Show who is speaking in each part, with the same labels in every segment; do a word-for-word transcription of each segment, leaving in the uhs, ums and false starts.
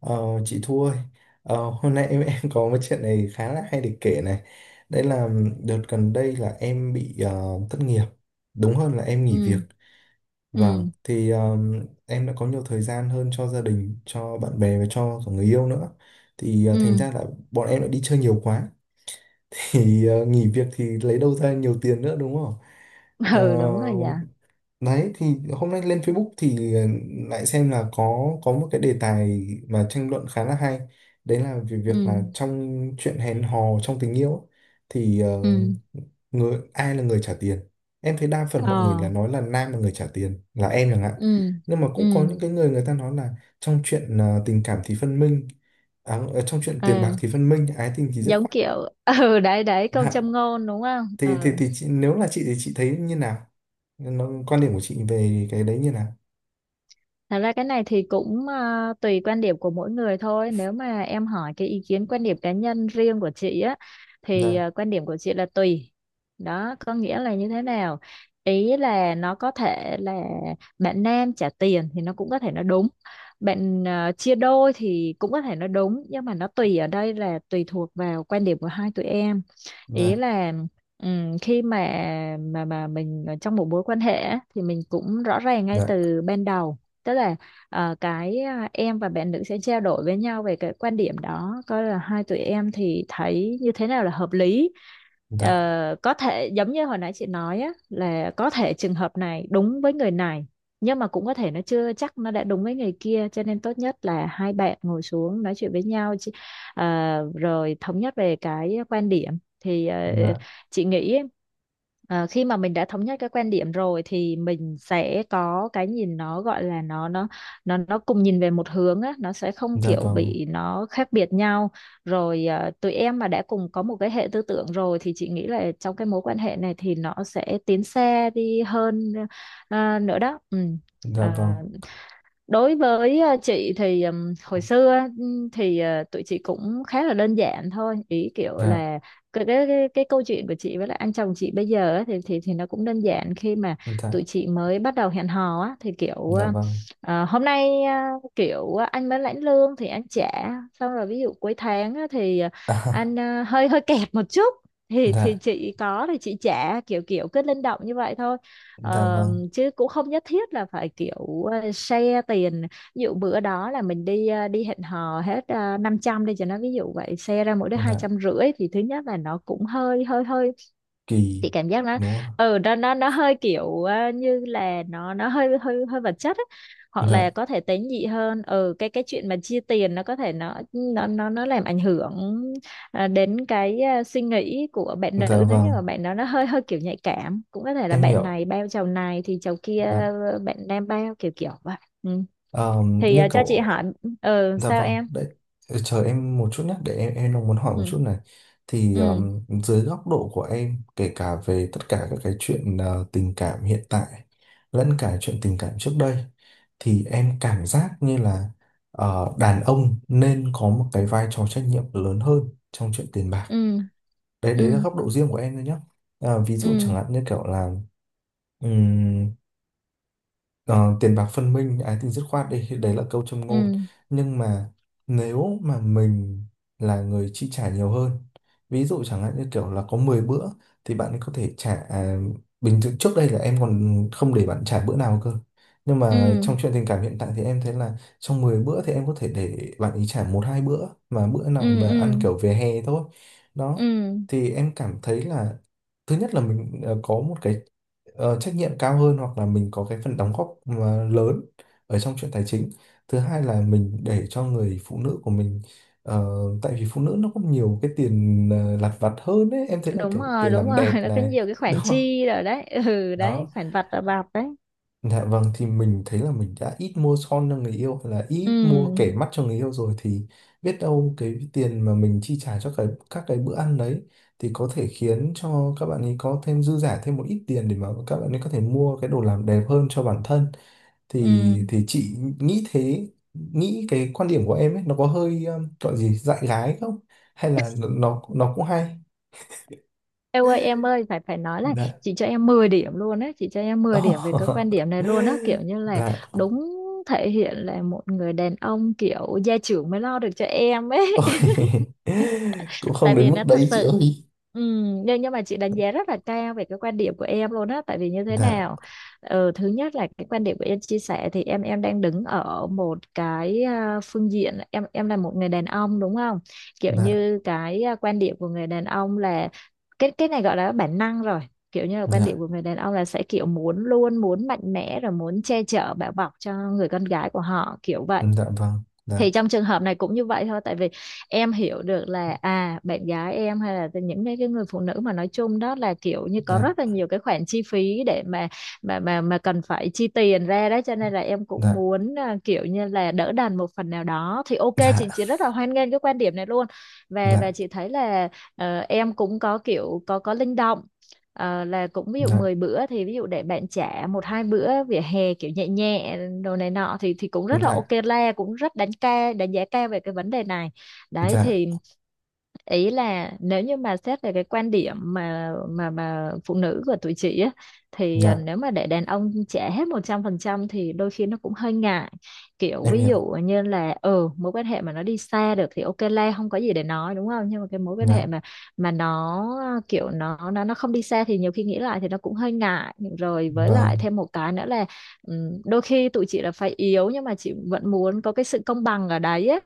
Speaker 1: Ờ, chị Thu ơi, ờ, hôm nay em em có một chuyện này khá là hay để kể này. Đây là đợt gần đây là em bị ờ, thất nghiệp, đúng hơn là em
Speaker 2: ừ
Speaker 1: nghỉ việc. Vâng,
Speaker 2: ừ
Speaker 1: thì ờ, em đã có nhiều thời gian hơn cho gia đình, cho bạn bè và cho cả người yêu nữa. Thì ờ, thành
Speaker 2: ừ
Speaker 1: ra là bọn em đã đi chơi nhiều quá, thì ờ, nghỉ việc thì lấy đâu ra nhiều tiền nữa đúng không? Ờ,
Speaker 2: ừ đúng rồi. Dạ
Speaker 1: Đấy thì hôm nay lên Facebook thì ờ, lại xem là có có một cái đề tài mà tranh luận khá là hay. Đấy là về
Speaker 2: ừ
Speaker 1: việc là trong chuyện hẹn hò trong tình yêu ấy, thì ờ,
Speaker 2: ừ
Speaker 1: người ai là người trả tiền. Em thấy đa phần mọi người
Speaker 2: ờ
Speaker 1: là nói là nam là người trả tiền, là em chẳng hạn.
Speaker 2: ừ
Speaker 1: Nhưng mà cũng có
Speaker 2: ừ
Speaker 1: những cái người người ta nói là trong chuyện ờ, tình cảm thì phân minh, à, ờ, trong chuyện
Speaker 2: ờ
Speaker 1: tiền bạc thì phân minh, ái tình thì dứt
Speaker 2: giống
Speaker 1: khoát.
Speaker 2: kiểu ừ, đấy đấy câu
Speaker 1: Dạ.
Speaker 2: châm ngôn đúng không?
Speaker 1: Thì thì
Speaker 2: Ừ
Speaker 1: thì chị, nếu là chị thì chị thấy như nào? Nó, quan điểm của chị về cái đấy như nào?
Speaker 2: Thật ra cái này thì cũng à, tùy quan điểm của mỗi người thôi. Nếu mà em hỏi cái ý kiến quan điểm cá nhân riêng của chị á thì
Speaker 1: Dạ,
Speaker 2: à, quan điểm của chị là tùy. Đó, có nghĩa là như thế nào? Ý là nó có thể là bạn nam trả tiền thì nó cũng có thể nó đúng. Bạn à, chia đôi thì cũng có thể nó đúng, nhưng mà nó tùy ở đây là tùy thuộc vào quan điểm của hai tụi em. Ý
Speaker 1: dạ,
Speaker 2: là ừm, khi mà mà mà mình ở trong một mối quan hệ á, thì mình cũng rõ ràng ngay
Speaker 1: dạ,
Speaker 2: từ ban đầu, tức là ờ, cái à, em và bạn nữ sẽ trao đổi với nhau về cái quan điểm đó, coi là hai tụi em thì thấy như thế nào là hợp lý.
Speaker 1: dạ,
Speaker 2: Ờ, có thể giống như hồi nãy chị nói á, là có thể trường hợp này đúng với người này, nhưng mà cũng có thể nó chưa chắc nó đã đúng với người kia, cho nên tốt nhất là hai bạn ngồi xuống nói chuyện với nhau, chị- à, rồi thống nhất về cái quan điểm. Thì ờ,
Speaker 1: dạ,
Speaker 2: chị nghĩ ờ, khi mà mình đã thống nhất cái quan điểm rồi thì mình sẽ có cái nhìn, nó gọi là nó nó nó nó cùng nhìn về một hướng á, nó sẽ không
Speaker 1: dạ
Speaker 2: kiểu
Speaker 1: vâng,
Speaker 2: bị nó khác biệt nhau. Rồi ờ, tụi em mà đã cùng có một cái hệ tư tưởng rồi thì chị nghĩ là trong cái mối quan hệ này thì nó sẽ tiến xa đi hơn ờ, nữa đó, ừ.
Speaker 1: dạ
Speaker 2: Ờ,
Speaker 1: vâng,
Speaker 2: Đối với ờ, chị thì ừm, hồi xưa á, ừm, thì ờ, tụi chị cũng khá là đơn giản thôi, ý kiểu
Speaker 1: dạ,
Speaker 2: là cái cái cái, cái câu chuyện của chị với lại anh chồng chị bây giờ á, thì thì thì nó cũng đơn giản, khi mà tụi
Speaker 1: dạ,
Speaker 2: chị mới bắt đầu hẹn hò á thì kiểu
Speaker 1: dạ
Speaker 2: ờ,
Speaker 1: vâng.
Speaker 2: ờ, hôm nay ờ, kiểu ờ, anh mới lãnh lương thì anh trả, xong rồi ví dụ cuối tháng á, thì ờ,
Speaker 1: À,
Speaker 2: anh ờ, hơi hơi kẹt một chút thì thì
Speaker 1: dạ,
Speaker 2: chị có thì chị trả, kiểu kiểu cứ linh động như vậy thôi.
Speaker 1: dạ
Speaker 2: Ờ,
Speaker 1: vâng,
Speaker 2: Chứ cũng không nhất thiết là phải kiểu ờ, share tiền. Ví dụ bữa đó là mình đi ờ, đi hẹn hò hết uh, năm trăm đi cho nó, ví dụ vậy share ra mỗi đứa hai
Speaker 1: dạ
Speaker 2: trăm rưỡi thì thứ nhất là nó cũng hơi hơi hơi,
Speaker 1: kỳ,
Speaker 2: chị cảm giác nó
Speaker 1: đúng không ạ?
Speaker 2: ừ nó nó nó hơi kiểu ờ, như là nó nó hơi hơi hơi vật chất ấy. Hoặc là
Speaker 1: Dạ,
Speaker 2: có thể tế nhị hơn. ừ cái cái chuyện mà chia tiền nó có thể nó nó nó nó làm ảnh hưởng ờ, đến cái ờ, suy nghĩ của bạn nữ,
Speaker 1: dạ
Speaker 2: nếu như
Speaker 1: vâng,
Speaker 2: mà bạn đó nó hơi hơi kiểu nhạy cảm. Cũng có thể là
Speaker 1: em
Speaker 2: bạn
Speaker 1: hiểu.
Speaker 2: này bao chầu này thì chầu kia
Speaker 1: Dạ.
Speaker 2: ờ, bạn nam bao, kiểu kiểu vậy, ừ.
Speaker 1: Ờm,
Speaker 2: Thì
Speaker 1: như
Speaker 2: ờ, cho chị
Speaker 1: kiểu
Speaker 2: hỏi, ừ
Speaker 1: dạ
Speaker 2: sao
Speaker 1: vâng,
Speaker 2: em?
Speaker 1: đấy, ờ, chờ em một chút nhé, để em, em đang muốn hỏi một
Speaker 2: Ừ,
Speaker 1: chút này. Thì
Speaker 2: ừ,
Speaker 1: um, dưới góc độ của em, kể cả về tất cả các cái chuyện ờ, tình cảm hiện tại, lẫn cả chuyện tình cảm trước đây, thì em cảm giác như là ờ, đàn ông nên có một cái vai trò trách nhiệm lớn hơn trong chuyện tiền bạc.
Speaker 2: ừ,
Speaker 1: Đấy, đấy là
Speaker 2: ừ,
Speaker 1: góc độ riêng của em thôi nhé. À, ví dụ chẳng
Speaker 2: ừ,
Speaker 1: hạn như kiểu là ờ, tiền bạc phân minh ái tình dứt khoát đi, đấy là câu châm ngôn,
Speaker 2: ừ,
Speaker 1: nhưng mà nếu mà mình là người chi trả nhiều hơn, ví dụ chẳng hạn như kiểu là có mười bữa thì bạn ấy có thể trả. À, bình thường trước đây là em còn không để bạn trả bữa nào cơ, nhưng mà trong
Speaker 2: ừ,
Speaker 1: chuyện tình cảm hiện tại thì em thấy là trong mười bữa thì em có thể để bạn ấy trả một hai bữa, mà bữa nào
Speaker 2: ừ, ừ,
Speaker 1: mà ăn
Speaker 2: ừ,
Speaker 1: kiểu về hè thôi. Đó,
Speaker 2: ừ.
Speaker 1: thì em cảm thấy là thứ nhất là mình ờ, có một cái ờ, trách nhiệm cao hơn, hoặc là mình có cái phần đóng góp mà lớn ở trong chuyện tài chính. Thứ hai là mình để cho người phụ nữ của mình ờ, tại vì phụ nữ nó có nhiều cái tiền ờ, lặt vặt hơn ấy, em thấy là
Speaker 2: Đúng
Speaker 1: kiểu
Speaker 2: rồi,
Speaker 1: tiền
Speaker 2: đúng
Speaker 1: làm
Speaker 2: rồi.
Speaker 1: đẹp
Speaker 2: Nó có
Speaker 1: này
Speaker 2: nhiều cái
Speaker 1: đúng
Speaker 2: khoản
Speaker 1: không,
Speaker 2: chi rồi đấy. Ừ, đấy
Speaker 1: đó.
Speaker 2: khoản vặt và vặt đấy.
Speaker 1: Dạ vâng, thì mình thấy là mình đã ít mua son cho người yêu hay là ít mua kẻ
Speaker 2: Ừ,
Speaker 1: mắt cho người yêu rồi, thì biết đâu cái tiền mà mình chi trả cho cái các cái bữa ăn đấy thì có thể khiến cho các bạn ấy có thêm dư giả thêm một ít tiền để mà các bạn ấy có thể mua cái đồ làm đẹp hơn cho bản thân. thì
Speaker 2: ừ.
Speaker 1: thì chị nghĩ thế, nghĩ cái quan điểm của em ấy nó có hơi um, gọi gì dại gái không, hay là nó nó cũng hay.
Speaker 2: Em ơi em ơi, phải phải nói là
Speaker 1: Dạ,
Speaker 2: chị cho em mười điểm luôn á, chị cho em mười điểm về cái quan điểm này luôn á, kiểu như là
Speaker 1: dạ.
Speaker 2: đúng, thể hiện là một người đàn ông kiểu gia trưởng mới lo được cho em ấy.
Speaker 1: Ôi, cũng không
Speaker 2: tại
Speaker 1: đến
Speaker 2: vì
Speaker 1: mức
Speaker 2: nó thật
Speaker 1: đấy chị
Speaker 2: sự,
Speaker 1: ơi.
Speaker 2: Ừ, nhưng nhưng mà chị đánh giá rất là cao về cái quan điểm của em luôn á. Tại vì như thế
Speaker 1: Dạ,
Speaker 2: nào? Ờ, thứ nhất là cái quan điểm của em chia sẻ, thì em em đang đứng ở một cái à, phương diện, em em là một người đàn ông đúng không? Kiểu
Speaker 1: dạ,
Speaker 2: như cái à, quan điểm của người đàn ông là cái cái này gọi là bản năng rồi. Kiểu như là quan điểm
Speaker 1: dạ,
Speaker 2: của người đàn ông là sẽ kiểu muốn, luôn muốn mạnh mẽ, rồi muốn che chở bảo bọc cho người con gái của họ, kiểu vậy.
Speaker 1: dạ vâng, dạ,
Speaker 2: Thì trong trường hợp này cũng như vậy thôi, tại vì em hiểu được là à bạn gái em hay là những cái cái người phụ nữ mà nói chung đó là kiểu như có
Speaker 1: dạ,
Speaker 2: rất là nhiều cái khoản chi phí để mà mà mà mà cần phải chi tiền ra đó, cho nên là em cũng
Speaker 1: dạ,
Speaker 2: muốn à, kiểu như là đỡ đần một phần nào đó, thì ok, chị chị rất là hoan nghênh cái quan điểm này luôn. Và và
Speaker 1: dạ,
Speaker 2: chị thấy là ờ, em cũng có kiểu có có linh động. Ờ, là cũng ví dụ
Speaker 1: dạ,
Speaker 2: mười bữa thì ví dụ để bạn trả một hai bữa vỉa hè kiểu nhẹ nhẹ đồ này nọ thì thì cũng
Speaker 1: dạ,
Speaker 2: rất là
Speaker 1: dạ,
Speaker 2: ok la, cũng rất đánh ca đánh giá cao về cái vấn đề này đấy.
Speaker 1: dạ,
Speaker 2: Thì ý là nếu như mà xét về cái quan điểm mà mà mà phụ nữ của tụi chị á, thì à,
Speaker 1: dạ
Speaker 2: nếu mà để đàn ông trả hết một trăm phần trăm thì đôi khi nó cũng hơi ngại. Kiểu
Speaker 1: em
Speaker 2: ví dụ
Speaker 1: hiểu,
Speaker 2: như là, ừ mối quan hệ mà nó đi xa được thì ok la, không có gì để nói đúng không? Nhưng mà cái mối quan hệ
Speaker 1: dạ
Speaker 2: mà mà nó kiểu nó nó nó không đi xa thì nhiều khi nghĩ lại thì nó cũng hơi ngại, rồi với lại
Speaker 1: vâng,
Speaker 2: thêm một cái nữa là, ừ, đôi khi tụi chị là phải yếu nhưng mà chị vẫn muốn có cái sự công bằng ở đấy á.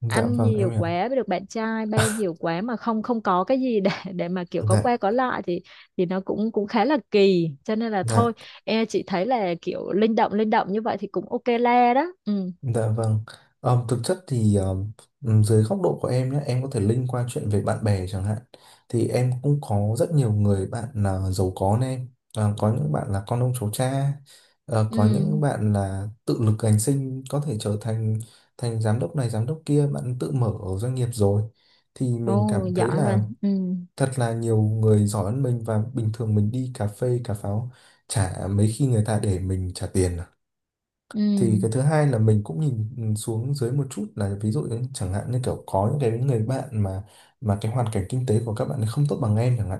Speaker 1: dạ
Speaker 2: Ăn
Speaker 1: vâng em
Speaker 2: nhiều
Speaker 1: hiểu,
Speaker 2: quá với được bạn trai bao nhiều quá mà không không có cái gì để để mà kiểu có
Speaker 1: dạ,
Speaker 2: qua có lại, thì thì nó cũng cũng khá là kỳ, cho nên là
Speaker 1: dạ.
Speaker 2: thôi, e chị thấy là kiểu linh động linh động như vậy thì cũng ok la đó, ừ.
Speaker 1: Dạ vâng. Ờ, thực chất thì ờ, ừm, dưới góc độ của em nhé, em có thể link qua chuyện về bạn bè chẳng hạn. Thì em cũng có rất nhiều người bạn là giàu có nên em. Ờ, có những bạn là con ông cháu cha, Ờ,
Speaker 2: Ừ,
Speaker 1: có những bạn là tự lực cánh sinh có thể trở thành thành giám đốc này giám đốc kia, bạn tự mở ở doanh nghiệp rồi. Thì mình
Speaker 2: ồ
Speaker 1: cảm thấy
Speaker 2: giỏi
Speaker 1: là
Speaker 2: rồi. Ừ,
Speaker 1: thật là nhiều người giỏi hơn mình, và bình thường mình đi cà phê cà pháo chả mấy khi người ta để mình trả tiền. Thì
Speaker 2: ừ,
Speaker 1: cái thứ hai là mình cũng nhìn ừ, xuống dưới một chút, là ví dụ như chẳng hạn như kiểu có những cái người bạn mà mà cái hoàn cảnh kinh tế của các bạn ấy không tốt bằng em chẳng hạn,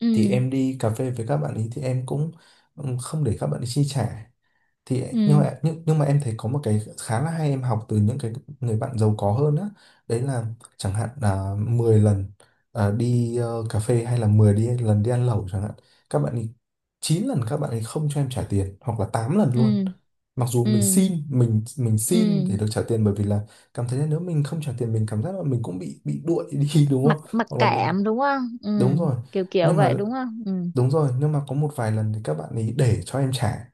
Speaker 2: ừ,
Speaker 1: thì em đi cà phê với các bạn ấy thì em cũng ừ, không để các bạn ấy chi trả. Thì nhưng
Speaker 2: ừ,
Speaker 1: mà nhưng, nhưng mà em thấy có một cái khá là hay em học từ những cái người bạn giàu có hơn á. Đấy là chẳng hạn là mười lần, à, đi ờ, cà phê hay là mười đi lần đi ăn lẩu chẳng hạn, các bạn ấy chín lần các bạn ấy không cho em trả tiền hoặc là tám lần luôn,
Speaker 2: ừ,
Speaker 1: mặc dù mình
Speaker 2: ừ,
Speaker 1: xin mình mình
Speaker 2: ừ.
Speaker 1: xin để được trả tiền, bởi vì là cảm thấy là nếu mình không trả tiền mình cảm giác là mình cũng bị bị đuổi đi đúng
Speaker 2: mặc
Speaker 1: không,
Speaker 2: Mặc
Speaker 1: hoặc là mình
Speaker 2: cảm đúng không? Ừ,
Speaker 1: đúng rồi
Speaker 2: kiểu kiểu
Speaker 1: nhưng mà
Speaker 2: vậy đúng không? Ừ,
Speaker 1: đúng rồi nhưng mà có một vài lần thì các bạn ấy để cho em trả,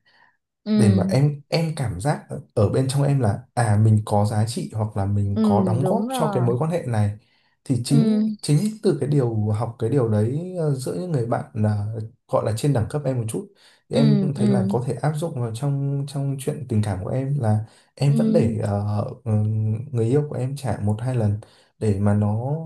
Speaker 2: ừ,
Speaker 1: để mà em em cảm giác ở ở bên trong em là à mình có giá trị hoặc là mình có
Speaker 2: ừ.
Speaker 1: đóng góp
Speaker 2: Đúng
Speaker 1: cho cái
Speaker 2: rồi.
Speaker 1: mối quan hệ này. Thì
Speaker 2: Ừ,
Speaker 1: chính chính từ cái điều học cái điều đấy ờ, giữa những người bạn là gọi là trên đẳng cấp em một chút, thì em
Speaker 2: ừ,
Speaker 1: cũng thấy là
Speaker 2: ừ,
Speaker 1: có thể áp dụng vào trong trong chuyện tình cảm của em là em vẫn để
Speaker 2: ừ.
Speaker 1: ờ, ừ, người yêu của em trả một hai lần, để mà nó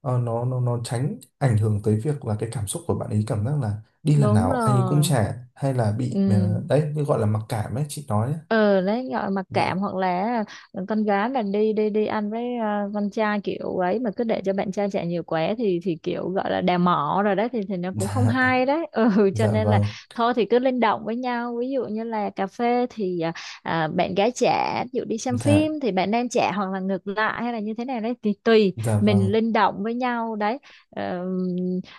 Speaker 1: ờ, nó nó nó tránh ảnh hưởng tới việc là cái cảm xúc của bạn ấy cảm giác là đi lần
Speaker 2: Đúng
Speaker 1: nào anh ấy cũng
Speaker 2: rồi,
Speaker 1: trả, hay là bị
Speaker 2: ừ.
Speaker 1: ờ, đấy như gọi là mặc cảm ấy chị nói ấy.
Speaker 2: Ờ, đấy gọi mặc
Speaker 1: Dạ,
Speaker 2: cảm, hoặc là con gái mà đi đi đi ăn với à, con trai kiểu ấy, mà cứ để cho bạn trai chạy nhiều quá thì thì kiểu gọi là đào mỏ rồi đấy, thì thì nó cũng không
Speaker 1: dạ,
Speaker 2: hay đấy, ừ, cho
Speaker 1: dạ
Speaker 2: nên là
Speaker 1: vâng,
Speaker 2: thôi thì cứ linh động với nhau. Ví dụ như là cà phê thì à, à, bạn gái trả, ví dụ đi xem
Speaker 1: dạ,
Speaker 2: phim thì bạn nam trả, hoặc là ngược lại, hay là như thế nào đấy thì tùy
Speaker 1: dạ
Speaker 2: mình
Speaker 1: vâng,
Speaker 2: linh động với nhau đấy. Ờ,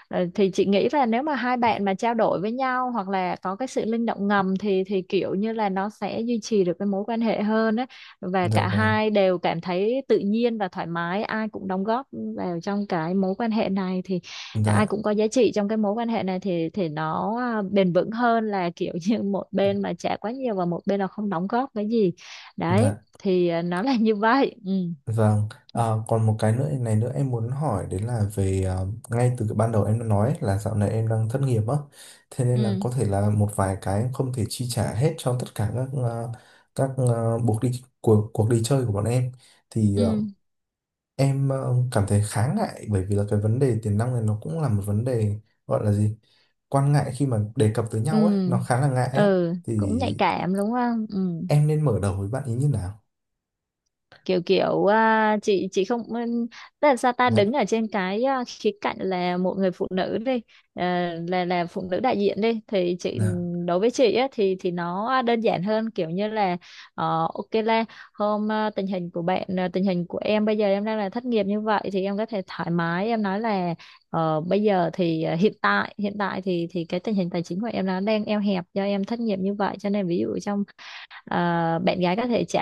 Speaker 2: Ờ, thì chị nghĩ là nếu mà hai bạn mà trao đổi với nhau hoặc là có cái sự linh động ngầm thì thì kiểu như là nó sẽ duy trì được cái mối quan hệ hơn á, và
Speaker 1: dạ
Speaker 2: cả
Speaker 1: vâng,
Speaker 2: hai đều cảm thấy tự nhiên và thoải mái. Ai cũng đóng góp vào trong cái mối quan hệ này thì ai
Speaker 1: dạ,
Speaker 2: cũng có giá trị trong cái mối quan hệ này, thì thì nó à, bền vững hơn là kiểu như một bên mà trả quá nhiều và một bên là không đóng góp cái gì đấy,
Speaker 1: dạ
Speaker 2: thì à, nó là như vậy, ừ.
Speaker 1: vâng. Ờ, còn một cái nữa này nữa em muốn hỏi, đấy là về ờ, ngay từ cái ban đầu em đã nói ấy, là dạo này em đang thất nghiệp á, thế nên là
Speaker 2: Ừ,
Speaker 1: có thể là một vài cái em không thể chi trả hết cho tất cả các ờ, các ờ, buộc đi cuộc cuộc đi chơi của bọn em. thì ờ,
Speaker 2: ừ,
Speaker 1: Em ờ, cảm thấy khá ngại bởi vì là cái vấn đề tiền nong này nó cũng là một vấn đề gọi là gì? Quan ngại khi mà đề cập tới
Speaker 2: ừ,
Speaker 1: nhau ấy, nó khá là ngại á.
Speaker 2: ừ,
Speaker 1: Thì
Speaker 2: cũng nhạy cảm đúng không? Ừ,
Speaker 1: em nên mở đầu với bạn ý như nào?
Speaker 2: kiểu kiểu à, chị chị không, ừ, tức là sao? Ta
Speaker 1: Dạ,
Speaker 2: đứng ở trên cái à, khía cạnh là một người phụ nữ đi, à, là là phụ nữ đại diện đi thì chị,
Speaker 1: dạ,
Speaker 2: đối với chị á, thì thì nó đơn giản hơn, kiểu như là ờ, ok là, hôm à, tình hình của bạn, à, tình hình của em bây giờ, em đang là thất nghiệp như vậy thì em có thể thoải mái em nói là ờ, bây giờ thì à, hiện tại hiện tại thì thì cái tình hình tài chính của em nó đang eo hẹp do em thất nghiệp như vậy, cho nên ví dụ trong ờ, bạn gái có thể trẻ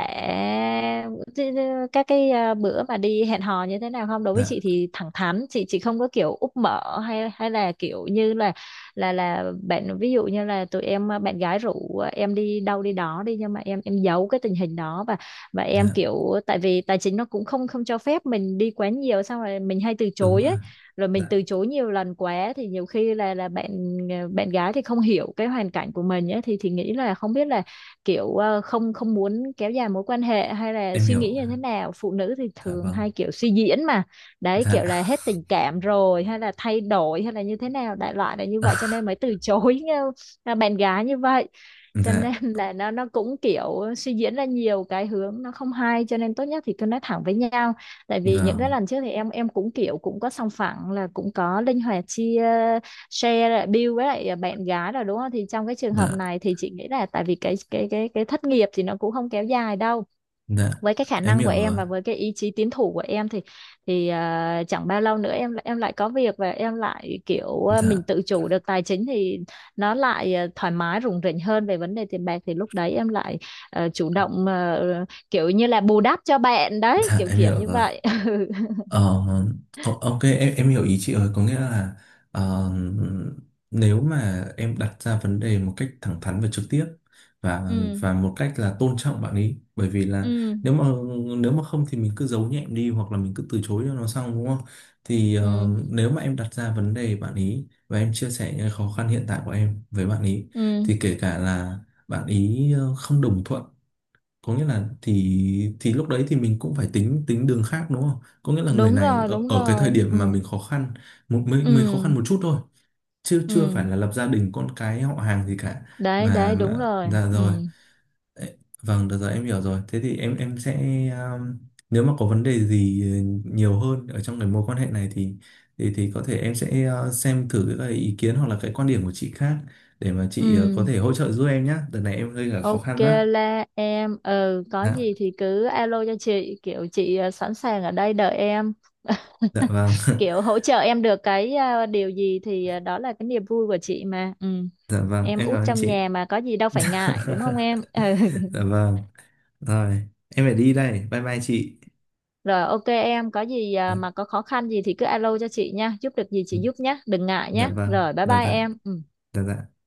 Speaker 2: các cái ờ, bữa mà đi hẹn hò như thế nào không. Đối với chị
Speaker 1: dạ,
Speaker 2: thì thẳng thắn, chị chị không có kiểu úp mở hay hay là kiểu như là là là bạn, ví dụ như là tụi em ờ, bạn gái rủ ờ, em đi đâu đi đó đi, nhưng mà em em giấu cái tình hình đó và và em
Speaker 1: dạ
Speaker 2: kiểu, tại vì tài chính nó cũng không không cho phép mình đi quá nhiều, xong rồi mình hay từ
Speaker 1: đúng
Speaker 2: chối
Speaker 1: rồi,
Speaker 2: ấy. Rồi mình
Speaker 1: dạ
Speaker 2: từ chối nhiều lần quá thì nhiều khi là là bạn ờ, bạn gái thì không hiểu cái hoàn cảnh của mình ấy, thì thì nghĩ là không biết là kiểu ờ, không không muốn kéo dài mối quan hệ, hay là
Speaker 1: em
Speaker 2: suy nghĩ
Speaker 1: hiểu,
Speaker 2: như thế nào. Phụ nữ thì
Speaker 1: dạ
Speaker 2: thường
Speaker 1: vâng,
Speaker 2: hay kiểu suy diễn mà, đấy
Speaker 1: dạ,
Speaker 2: kiểu là hết tình cảm rồi hay là thay đổi hay là như thế nào, đại loại là như vậy cho nên mới từ chối ờ, bạn gái như vậy, cho nên
Speaker 1: dạ
Speaker 2: là nó nó cũng kiểu suy diễn ra nhiều cái hướng, nó không hay, cho nên tốt nhất thì cứ nói thẳng với nhau. Tại vì những cái
Speaker 1: vâng,
Speaker 2: lần trước thì em em cũng kiểu cũng có sòng phẳng, là cũng có linh hoạt chia share lại bill với lại à, bạn gái rồi đúng không, thì trong cái trường
Speaker 1: dạ,
Speaker 2: hợp này thì chị nghĩ là, tại vì cái cái cái cái thất nghiệp thì nó cũng không kéo dài đâu
Speaker 1: dạ
Speaker 2: với cái khả
Speaker 1: em
Speaker 2: năng của
Speaker 1: hiểu rồi,
Speaker 2: em và với cái ý chí tiến thủ của em. Thì thì à, chẳng bao lâu nữa em lại- em lại có việc, và em lại kiểu à, mình
Speaker 1: dạ,
Speaker 2: tự chủ được tài chính thì nó lại à, thoải mái rủng rỉnh hơn về vấn đề tiền bạc, thì lúc đấy em lại à, chủ động à, kiểu như là bù đắp cho bạn đấy,
Speaker 1: dạ
Speaker 2: kiểu
Speaker 1: em
Speaker 2: kiểu
Speaker 1: hiểu
Speaker 2: như
Speaker 1: rồi.
Speaker 2: vậy.
Speaker 1: Ờ, o- ok em em hiểu ý chị rồi, có nghĩa là ờ, nếu mà em đặt ra vấn đề một cách thẳng thắn và trực tiếp, và
Speaker 2: Ừ,
Speaker 1: và một cách là tôn trọng bạn ấy, bởi vì là
Speaker 2: ừ,
Speaker 1: nếu mà nếu mà không thì mình cứ giấu nhẹm đi hoặc là mình cứ từ chối cho nó xong đúng không. Thì ờ,
Speaker 2: ừ,
Speaker 1: nếu mà em đặt ra vấn đề bạn ý và em chia sẻ những khó khăn hiện tại của em với bạn ý,
Speaker 2: ừ.
Speaker 1: thì kể cả là bạn ý ờ, không đồng thuận, có nghĩa là thì thì lúc đấy thì mình cũng phải tính tính đường khác đúng không? Có nghĩa là người
Speaker 2: Đúng
Speaker 1: này
Speaker 2: rồi,
Speaker 1: ở,
Speaker 2: đúng
Speaker 1: ở cái thời
Speaker 2: rồi.
Speaker 1: điểm
Speaker 2: Ừ,
Speaker 1: mà mình khó khăn một mình, mình khó
Speaker 2: ừ,
Speaker 1: khăn một chút thôi, chứ chưa
Speaker 2: ừ.
Speaker 1: phải là lập gia đình con cái họ hàng gì cả
Speaker 2: Đấy
Speaker 1: mà,
Speaker 2: đấy đúng
Speaker 1: mà
Speaker 2: rồi.
Speaker 1: dạ
Speaker 2: Ừ,
Speaker 1: rồi. Ê, vâng được rồi em hiểu rồi, thế thì em em sẽ um, nếu mà có vấn đề gì uh, nhiều hơn ở trong cái mối quan hệ này thì thì thì có thể em sẽ uh, xem thử cái ý kiến hoặc là cái quan điểm của chị khác, để mà
Speaker 2: ừ.
Speaker 1: chị uh, có thể hỗ trợ giúp em nhé, đợt này em gây cả khó
Speaker 2: Ok
Speaker 1: khăn đó.
Speaker 2: là em, ừ có
Speaker 1: Dạ.
Speaker 2: gì thì cứ alo cho chị, kiểu chị ờ, sẵn sàng ở đây đợi em.
Speaker 1: Dạ vâng,
Speaker 2: Kiểu hỗ trợ em được cái ờ, điều gì thì ờ, đó là cái niềm vui của chị mà, ừ.
Speaker 1: dạ vâng,
Speaker 2: Em
Speaker 1: em
Speaker 2: út
Speaker 1: cảm ơn
Speaker 2: trong
Speaker 1: chị.
Speaker 2: nhà mà, có gì đâu phải ngại đúng không em? Ừ.
Speaker 1: Dạ vâng, rồi, em phải đi đây, bye bye chị.
Speaker 2: Rồi ok, em có gì ờ,
Speaker 1: Dạ,
Speaker 2: mà có khó khăn gì thì cứ alo cho chị nha, giúp được gì chị giúp nhé, đừng ngại
Speaker 1: dạ
Speaker 2: nhé,
Speaker 1: vâng,
Speaker 2: rồi bye
Speaker 1: dạ
Speaker 2: bye
Speaker 1: dạ,
Speaker 2: em, ừ.
Speaker 1: dạ dạ.